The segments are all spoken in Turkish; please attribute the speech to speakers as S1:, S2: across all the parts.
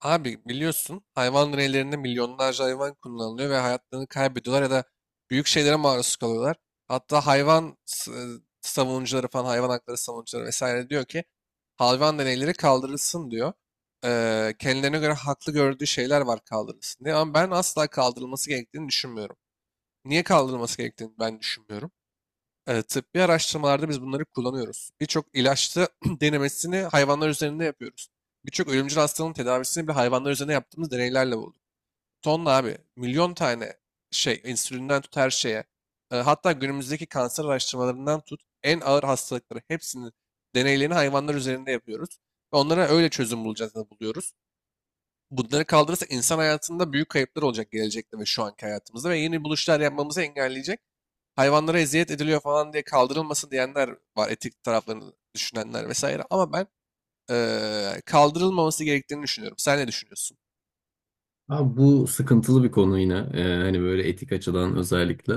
S1: Abi biliyorsun hayvan deneylerinde milyonlarca hayvan kullanılıyor ve hayatlarını kaybediyorlar ya da büyük şeylere maruz kalıyorlar. Hatta hayvan savunucuları falan hayvan hakları savunucuları vesaire diyor ki hayvan deneyleri kaldırılsın diyor. Kendilerine göre haklı gördüğü şeyler var kaldırılsın diye ama ben asla kaldırılması gerektiğini düşünmüyorum. Niye kaldırılması gerektiğini ben düşünmüyorum. Tıbbi araştırmalarda biz bunları kullanıyoruz. Birçok ilaçta denemesini hayvanlar üzerinde yapıyoruz. Birçok ölümcül hastalığın tedavisini bile hayvanlar üzerinde yaptığımız deneylerle bulduk. Tonla abi, milyon tane şey, insülinden tut her şeye. Hatta günümüzdeki kanser araştırmalarından tut, en ağır hastalıkları hepsinin deneylerini hayvanlar üzerinde yapıyoruz. Ve onlara öyle çözüm bulacağız da buluyoruz. Bunları kaldırırsa insan hayatında büyük kayıplar olacak gelecekte ve şu anki hayatımızda ve yeni buluşlar yapmamızı engelleyecek hayvanlara eziyet ediliyor falan diye kaldırılmasın diyenler var. Etik taraflarını düşünenler vesaire. Ama ben kaldırılmaması gerektiğini düşünüyorum. Sen ne düşünüyorsun?
S2: Abi bu sıkıntılı bir konu yine. Hani böyle etik açıdan özellikle.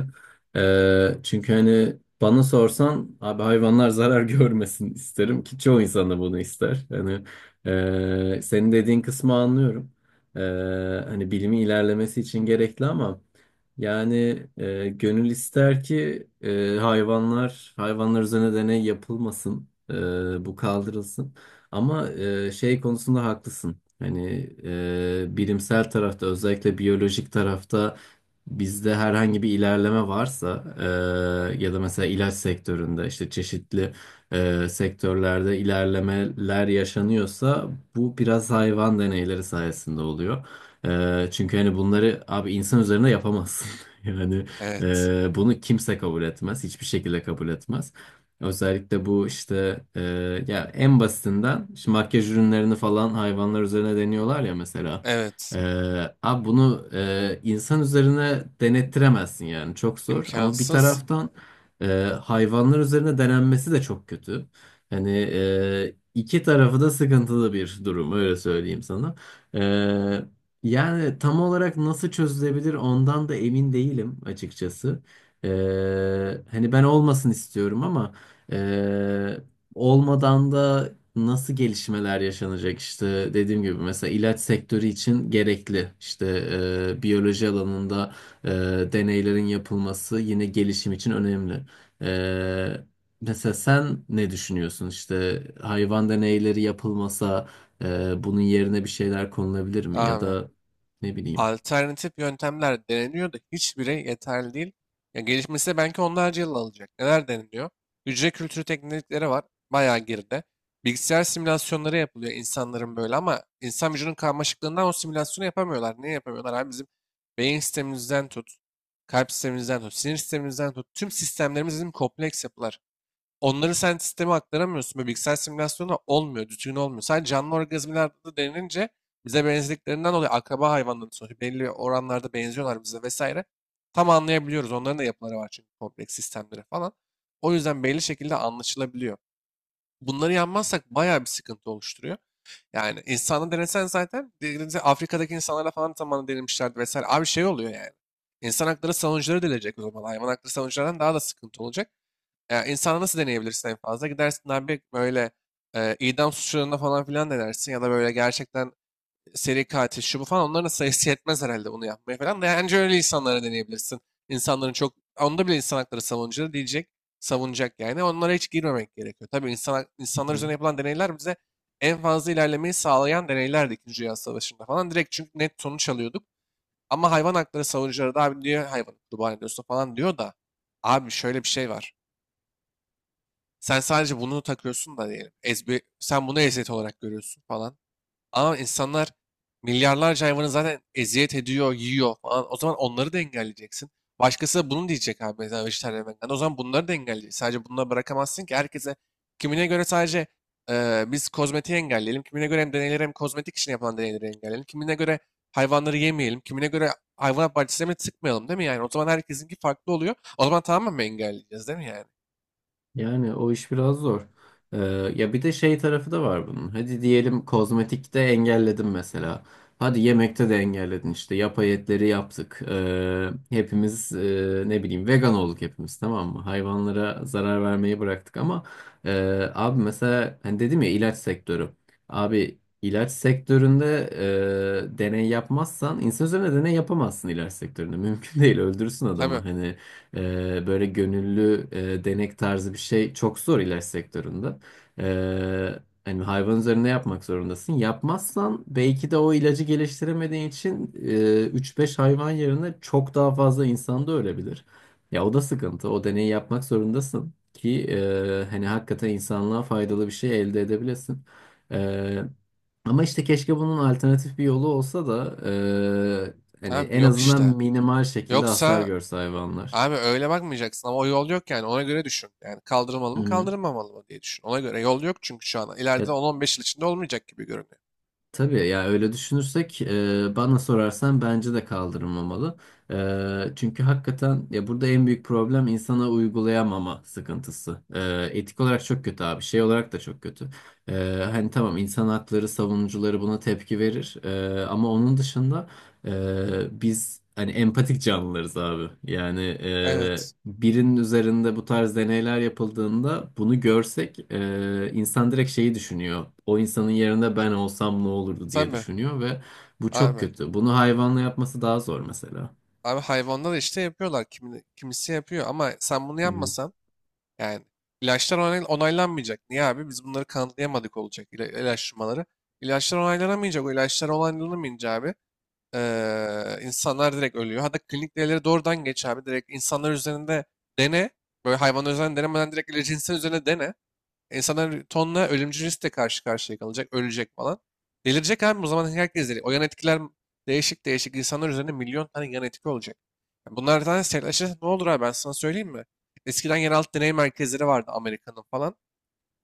S2: Çünkü hani bana sorsan abi hayvanlar zarar görmesin isterim ki çoğu insan da bunu ister. Hani senin dediğin kısmı anlıyorum. Ee, Hani bilimin ilerlemesi için gerekli ama yani gönül ister ki hayvanlar üzerine deney yapılmasın. Bu kaldırılsın. Ama şey konusunda haklısın. Hani bilimsel tarafta özellikle biyolojik tarafta bizde herhangi bir ilerleme varsa ya da mesela ilaç sektöründe işte çeşitli sektörlerde ilerlemeler yaşanıyorsa bu biraz hayvan deneyleri sayesinde oluyor. Çünkü hani bunları abi insan üzerinde yapamazsın. Yani
S1: Evet.
S2: bunu kimse kabul etmez, hiçbir şekilde kabul etmez. Özellikle bu işte ya en basitinden şimdi makyaj ürünlerini falan hayvanlar üzerine deniyorlar ya mesela.
S1: Evet.
S2: E, Abi bunu insan üzerine denettiremezsin yani çok zor. Ama bir
S1: İmkansız.
S2: taraftan e, hayvanlar üzerine denenmesi de çok kötü. Hani iki tarafı da sıkıntılı bir durum öyle söyleyeyim sana. E, Yani tam olarak nasıl çözülebilir ondan da emin değilim açıkçası. E, Hani ben olmasın istiyorum ama. Ee, Olmadan da nasıl gelişmeler yaşanacak işte dediğim gibi mesela ilaç sektörü için gerekli işte biyoloji alanında e, deneylerin yapılması yine gelişim için önemli. Ee, Mesela sen ne düşünüyorsun işte hayvan deneyleri yapılmasa bunun yerine bir şeyler konulabilir mi ya
S1: Abi.
S2: da ne bileyim.
S1: Alternatif yöntemler deneniyor da hiçbiri yeterli değil. Ya gelişmesi de belki onlarca yıl alacak. Neler deniliyor? Hücre kültürü teknikleri var. Bayağı geride. Bilgisayar simülasyonları yapılıyor insanların böyle ama insan vücudunun karmaşıklığından o simülasyonu yapamıyorlar. Niye yapamıyorlar? Abi bizim beyin sistemimizden tut, kalp sistemimizden tut, sinir sistemimizden tut. Tüm sistemlerimiz bizim kompleks yapılar. Onları sen sisteme aktaramıyorsun. Böyle bilgisayar simülasyonu olmuyor, düzgün olmuyor. Sadece canlı organizmalarda da denince bize benzediklerinden dolayı akraba hayvanların sonuçta belli oranlarda benziyorlar bize vesaire. Tam anlayabiliyoruz. Onların da yapıları var çünkü kompleks sistemleri falan. O yüzden belli şekilde anlaşılabiliyor. Bunları yanmazsak bayağı bir sıkıntı oluşturuyor. Yani insanı denesen zaten dediğinizde Afrika'daki insanlarla falan zamanında denemişlerdi vesaire. Abi şey oluyor yani. İnsan hakları savunucuları delecek o zaman. Hayvan hakları savunucularından daha da sıkıntı olacak. Ya insana nasıl deneyebilirsin en fazla? Gidersin abi böyle idam suçlarına falan filan denersin ya da böyle gerçekten seri katil şu bu falan onların da sayısı yetmez herhalde bunu yapmaya falan. Yani önce öyle insanlara deneyebilirsin. İnsanların çok onda bile insan hakları savunucuları diyecek, savunacak yani. Onlara hiç girmemek gerekiyor. Tabii insan, insanlar üzerine yapılan deneyler bize en fazla ilerlemeyi sağlayan deneylerdi İkinci Dünya Savaşı'nda falan. Direkt çünkü net sonuç alıyorduk. Ama hayvan hakları savunucuları da abi diyor hayvanı kurban ediyorsun falan diyor da abi şöyle bir şey var. Sen sadece bunu takıyorsun da diyelim. Sen bunu eziyet olarak görüyorsun falan. Ama insanlar milyarlarca hayvanı zaten eziyet ediyor, yiyor falan. O zaman onları da engelleyeceksin. Başkası da bunu diyecek abi mesela vejetaryen vegan. O zaman bunları da engelleyeceksin. Sadece bunları bırakamazsın ki herkese. Kimine göre sadece biz kozmetiği engelleyelim. Kimine göre hem deneyleri hem kozmetik için yapılan deneyleri engelleyelim. Kimine göre hayvanları yemeyelim. Kimine göre hayvanat bahçelerine tıkmayalım değil mi yani? O zaman herkesinki farklı oluyor. O zaman tamamen mi engelleyeceğiz değil mi yani?
S2: Yani o iş biraz zor. Ee, Ya bir de şey tarafı da var bunun. Hadi diyelim kozmetikte engelledin mesela. Hadi yemekte de engelledin işte. Yapay etleri yaptık. Hepimiz ne bileyim vegan olduk hepimiz, tamam mı? Hayvanlara zarar vermeyi bıraktık ama e, abi mesela hani dedim ya, ilaç sektörü. Abi ilaç sektöründe deney yapmazsan insan üzerine deney yapamazsın ilaç sektöründe. Mümkün değil, öldürürsün adamı.
S1: Tabii.
S2: Hani böyle gönüllü denek tarzı bir şey çok zor ilaç sektöründe. Ee, Hani hayvan üzerinde yapmak zorundasın. Yapmazsan belki de o ilacı geliştiremediğin için 3-5 hayvan yerine çok daha fazla insan da ölebilir. Ya o da sıkıntı. O deneyi yapmak zorundasın ki hani hakikaten insanlığa faydalı bir şey elde edebilesin. Ee, Ama işte keşke bunun alternatif bir yolu olsa da hani
S1: Abi
S2: en
S1: yok
S2: azından
S1: işte.
S2: minimal şekilde hasar
S1: Yoksa
S2: görse hayvanlar.
S1: abi öyle bakmayacaksın ama o yol yok yani ona göre düşün. Yani kaldırılmalı mı
S2: Hı.
S1: kaldırılmamalı mı diye düşün. Ona göre yol yok çünkü şu an ileride
S2: Ya,
S1: 10-15 yıl içinde olmayacak gibi görünüyor.
S2: tabii ya öyle düşünürsek bana sorarsan bence de kaldırılmamalı. Çünkü hakikaten ya burada en büyük problem insana uygulayamama sıkıntısı. Etik olarak çok kötü abi. Şey olarak da çok kötü. E, Hani tamam, insan hakları savunucuları buna tepki verir. Ama onun dışında biz hani empatik canlılarız abi. Yani
S1: Evet,
S2: birinin üzerinde bu tarz deneyler yapıldığında bunu görsek insan direkt şeyi düşünüyor. O insanın yerinde ben olsam ne olurdu diye
S1: tabii
S2: düşünüyor ve bu çok
S1: abi.
S2: kötü. Bunu hayvanla yapması daha zor mesela.
S1: Abi hayvanlar işte yapıyorlar kimi, kimisi yapıyor ama sen bunu
S2: Hı
S1: yapmasan yani ilaçlar onaylanmayacak. Niye abi biz bunları kanıtlayamadık olacak ilaçlamaları. İlaçlar onaylanamayacak o ilaçlar onaylanamayınca abi insanlar direkt ölüyor. Hatta klinik deneyleri doğrudan geç abi. Direkt insanlar üzerinde dene. Böyle hayvanlar üzerinde denemeden direkt ilacı insan üzerine dene. İnsanlar tonla ölümcül riskle karşı karşıya kalacak. Ölecek falan. Delirecek abi. O zaman herkes deli. O yan etkiler değişik değişik insanlar üzerinde milyon tane yan etki olacak. Yani bunlardan sertleşirse ne olur abi ben sana söyleyeyim mi? Eskiden yeraltı deney merkezleri vardı Amerika'nın falan.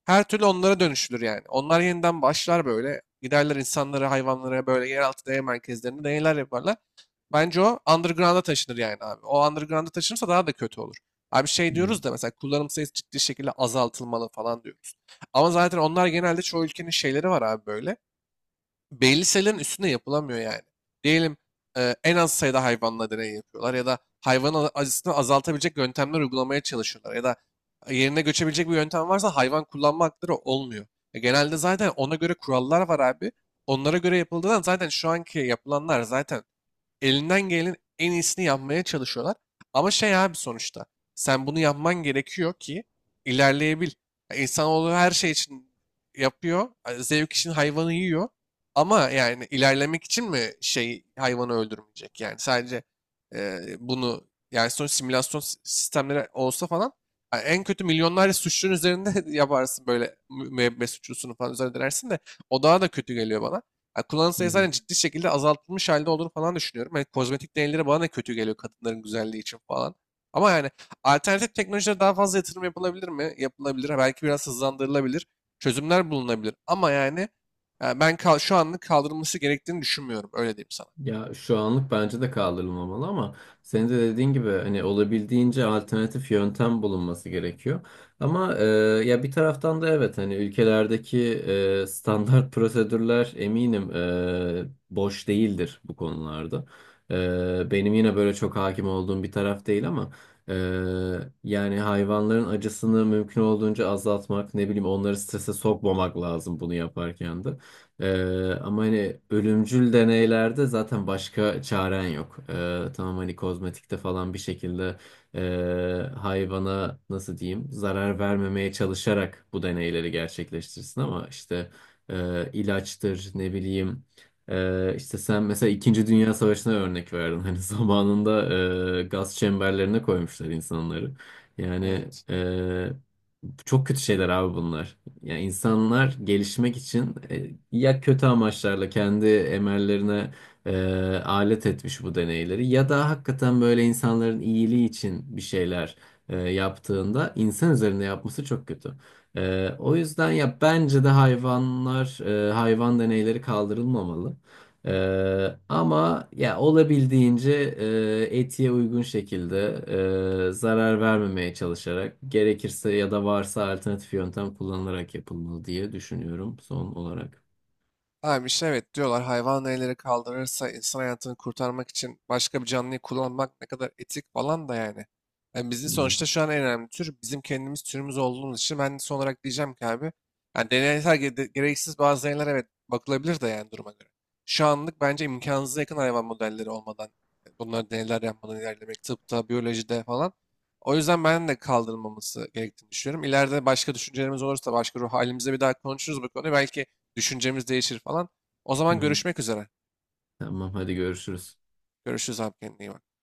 S1: Her türlü onlara dönüşülür yani. Onlar yeniden başlar böyle. Giderler insanlara, hayvanlara böyle yeraltı deney merkezlerinde deneyler yaparlar. Bence o underground'a taşınır yani abi. O underground'a taşınırsa daha da kötü olur. Abi şey
S2: hı.
S1: diyoruz da mesela kullanım sayısı ciddi şekilde azaltılmalı falan diyoruz. Ama zaten onlar genelde çoğu ülkenin şeyleri var abi böyle. Belli sayıların üstünde yapılamıyor yani. Diyelim en az sayıda hayvanla deney yapıyorlar ya da hayvanın acısını azaltabilecek yöntemler uygulamaya çalışıyorlar ya da yerine göçebilecek bir yöntem varsa hayvan kullanma hakları olmuyor. Genelde zaten ona göre kurallar var abi. Onlara göre yapıldığından zaten şu anki yapılanlar zaten elinden gelenin en iyisini yapmaya çalışıyorlar. Ama şey abi sonuçta sen bunu yapman gerekiyor ki ilerleyebil. Ya İnsanoğlu her şey için yapıyor. Zevk için hayvanı yiyor. Ama yani ilerlemek için mi şey hayvanı öldürmeyecek? Yani sadece bunu yani sonuç simülasyon sistemleri olsa falan yani en kötü milyonlarca suçlunun üzerinde yaparsın böyle müebbet suçlusunu falan üzerine dersin de o daha da kötü geliyor bana. Ya kullanım sayısı zaten ciddi şekilde azaltılmış halde olduğunu falan düşünüyorum. Yani kozmetik deneyleri bana da kötü geliyor kadınların güzelliği için falan. Ama yani alternatif teknolojilere daha fazla yatırım yapılabilir mi? Yapılabilir. Ha, belki biraz hızlandırılabilir. Çözümler bulunabilir. Ama yani, yani ben şu anlık kaldırılması gerektiğini düşünmüyorum. Öyle diyeyim sana.
S2: Ya şu anlık bence de kaldırılmamalı ama senin de dediğin gibi hani olabildiğince alternatif yöntem bulunması gerekiyor. Ama ya bir taraftan da evet, hani ülkelerdeki standart prosedürler eminim boş değildir bu konularda. Benim yine böyle çok hakim olduğum bir taraf değil ama e, yani hayvanların acısını mümkün olduğunca azaltmak, ne bileyim, onları strese sokmamak lazım bunu yaparken de. Ama hani ölümcül deneylerde zaten başka çaren yok. Tamam, hani kozmetikte falan bir şekilde hayvana nasıl diyeyim zarar vermemeye çalışarak bu deneyleri gerçekleştirsin ama işte ilaçtır, ne bileyim, işte sen mesela İkinci Dünya Savaşı'na örnek verdin. Hani zamanında gaz çemberlerine koymuşlar insanları. Yani
S1: Evet.
S2: çok kötü şeyler abi bunlar. Yani insanlar gelişmek için ya kötü amaçlarla kendi emellerine e, alet etmiş bu deneyleri ya da hakikaten böyle insanların iyiliği için bir şeyler yaptığında insan üzerinde yapması çok kötü. O yüzden ya bence de hayvanlar hayvan deneyleri kaldırılmamalı. Ama ya olabildiğince etiğe uygun şekilde zarar vermemeye çalışarak gerekirse ya da varsa alternatif yöntem kullanılarak yapılmalı diye düşünüyorum son olarak.
S1: Abi işte evet diyorlar hayvan elleri kaldırırsa insan hayatını kurtarmak için başka bir canlıyı kullanmak ne kadar etik falan da yani. Yani bizim
S2: Hı hı.
S1: sonuçta şu an en önemli tür bizim kendimiz türümüz olduğumuz için ben son olarak diyeceğim ki abi yani deneysel gereksiz bazı deneyler evet bakılabilir de yani duruma göre. Şu anlık bence imkansıza yakın hayvan modelleri olmadan bunları deneyler yapmadan ilerlemek tıpta, biyolojide falan. O yüzden ben de kaldırılmaması gerektiğini düşünüyorum. İleride başka düşüncelerimiz olursa başka ruh halimizde bir daha konuşuruz bu konuyu. Belki düşüncemiz değişir falan. O
S2: Hı
S1: zaman
S2: hı.
S1: görüşmek üzere.
S2: Tamam, hadi görüşürüz.
S1: Görüşürüz abi, kendine iyi bak.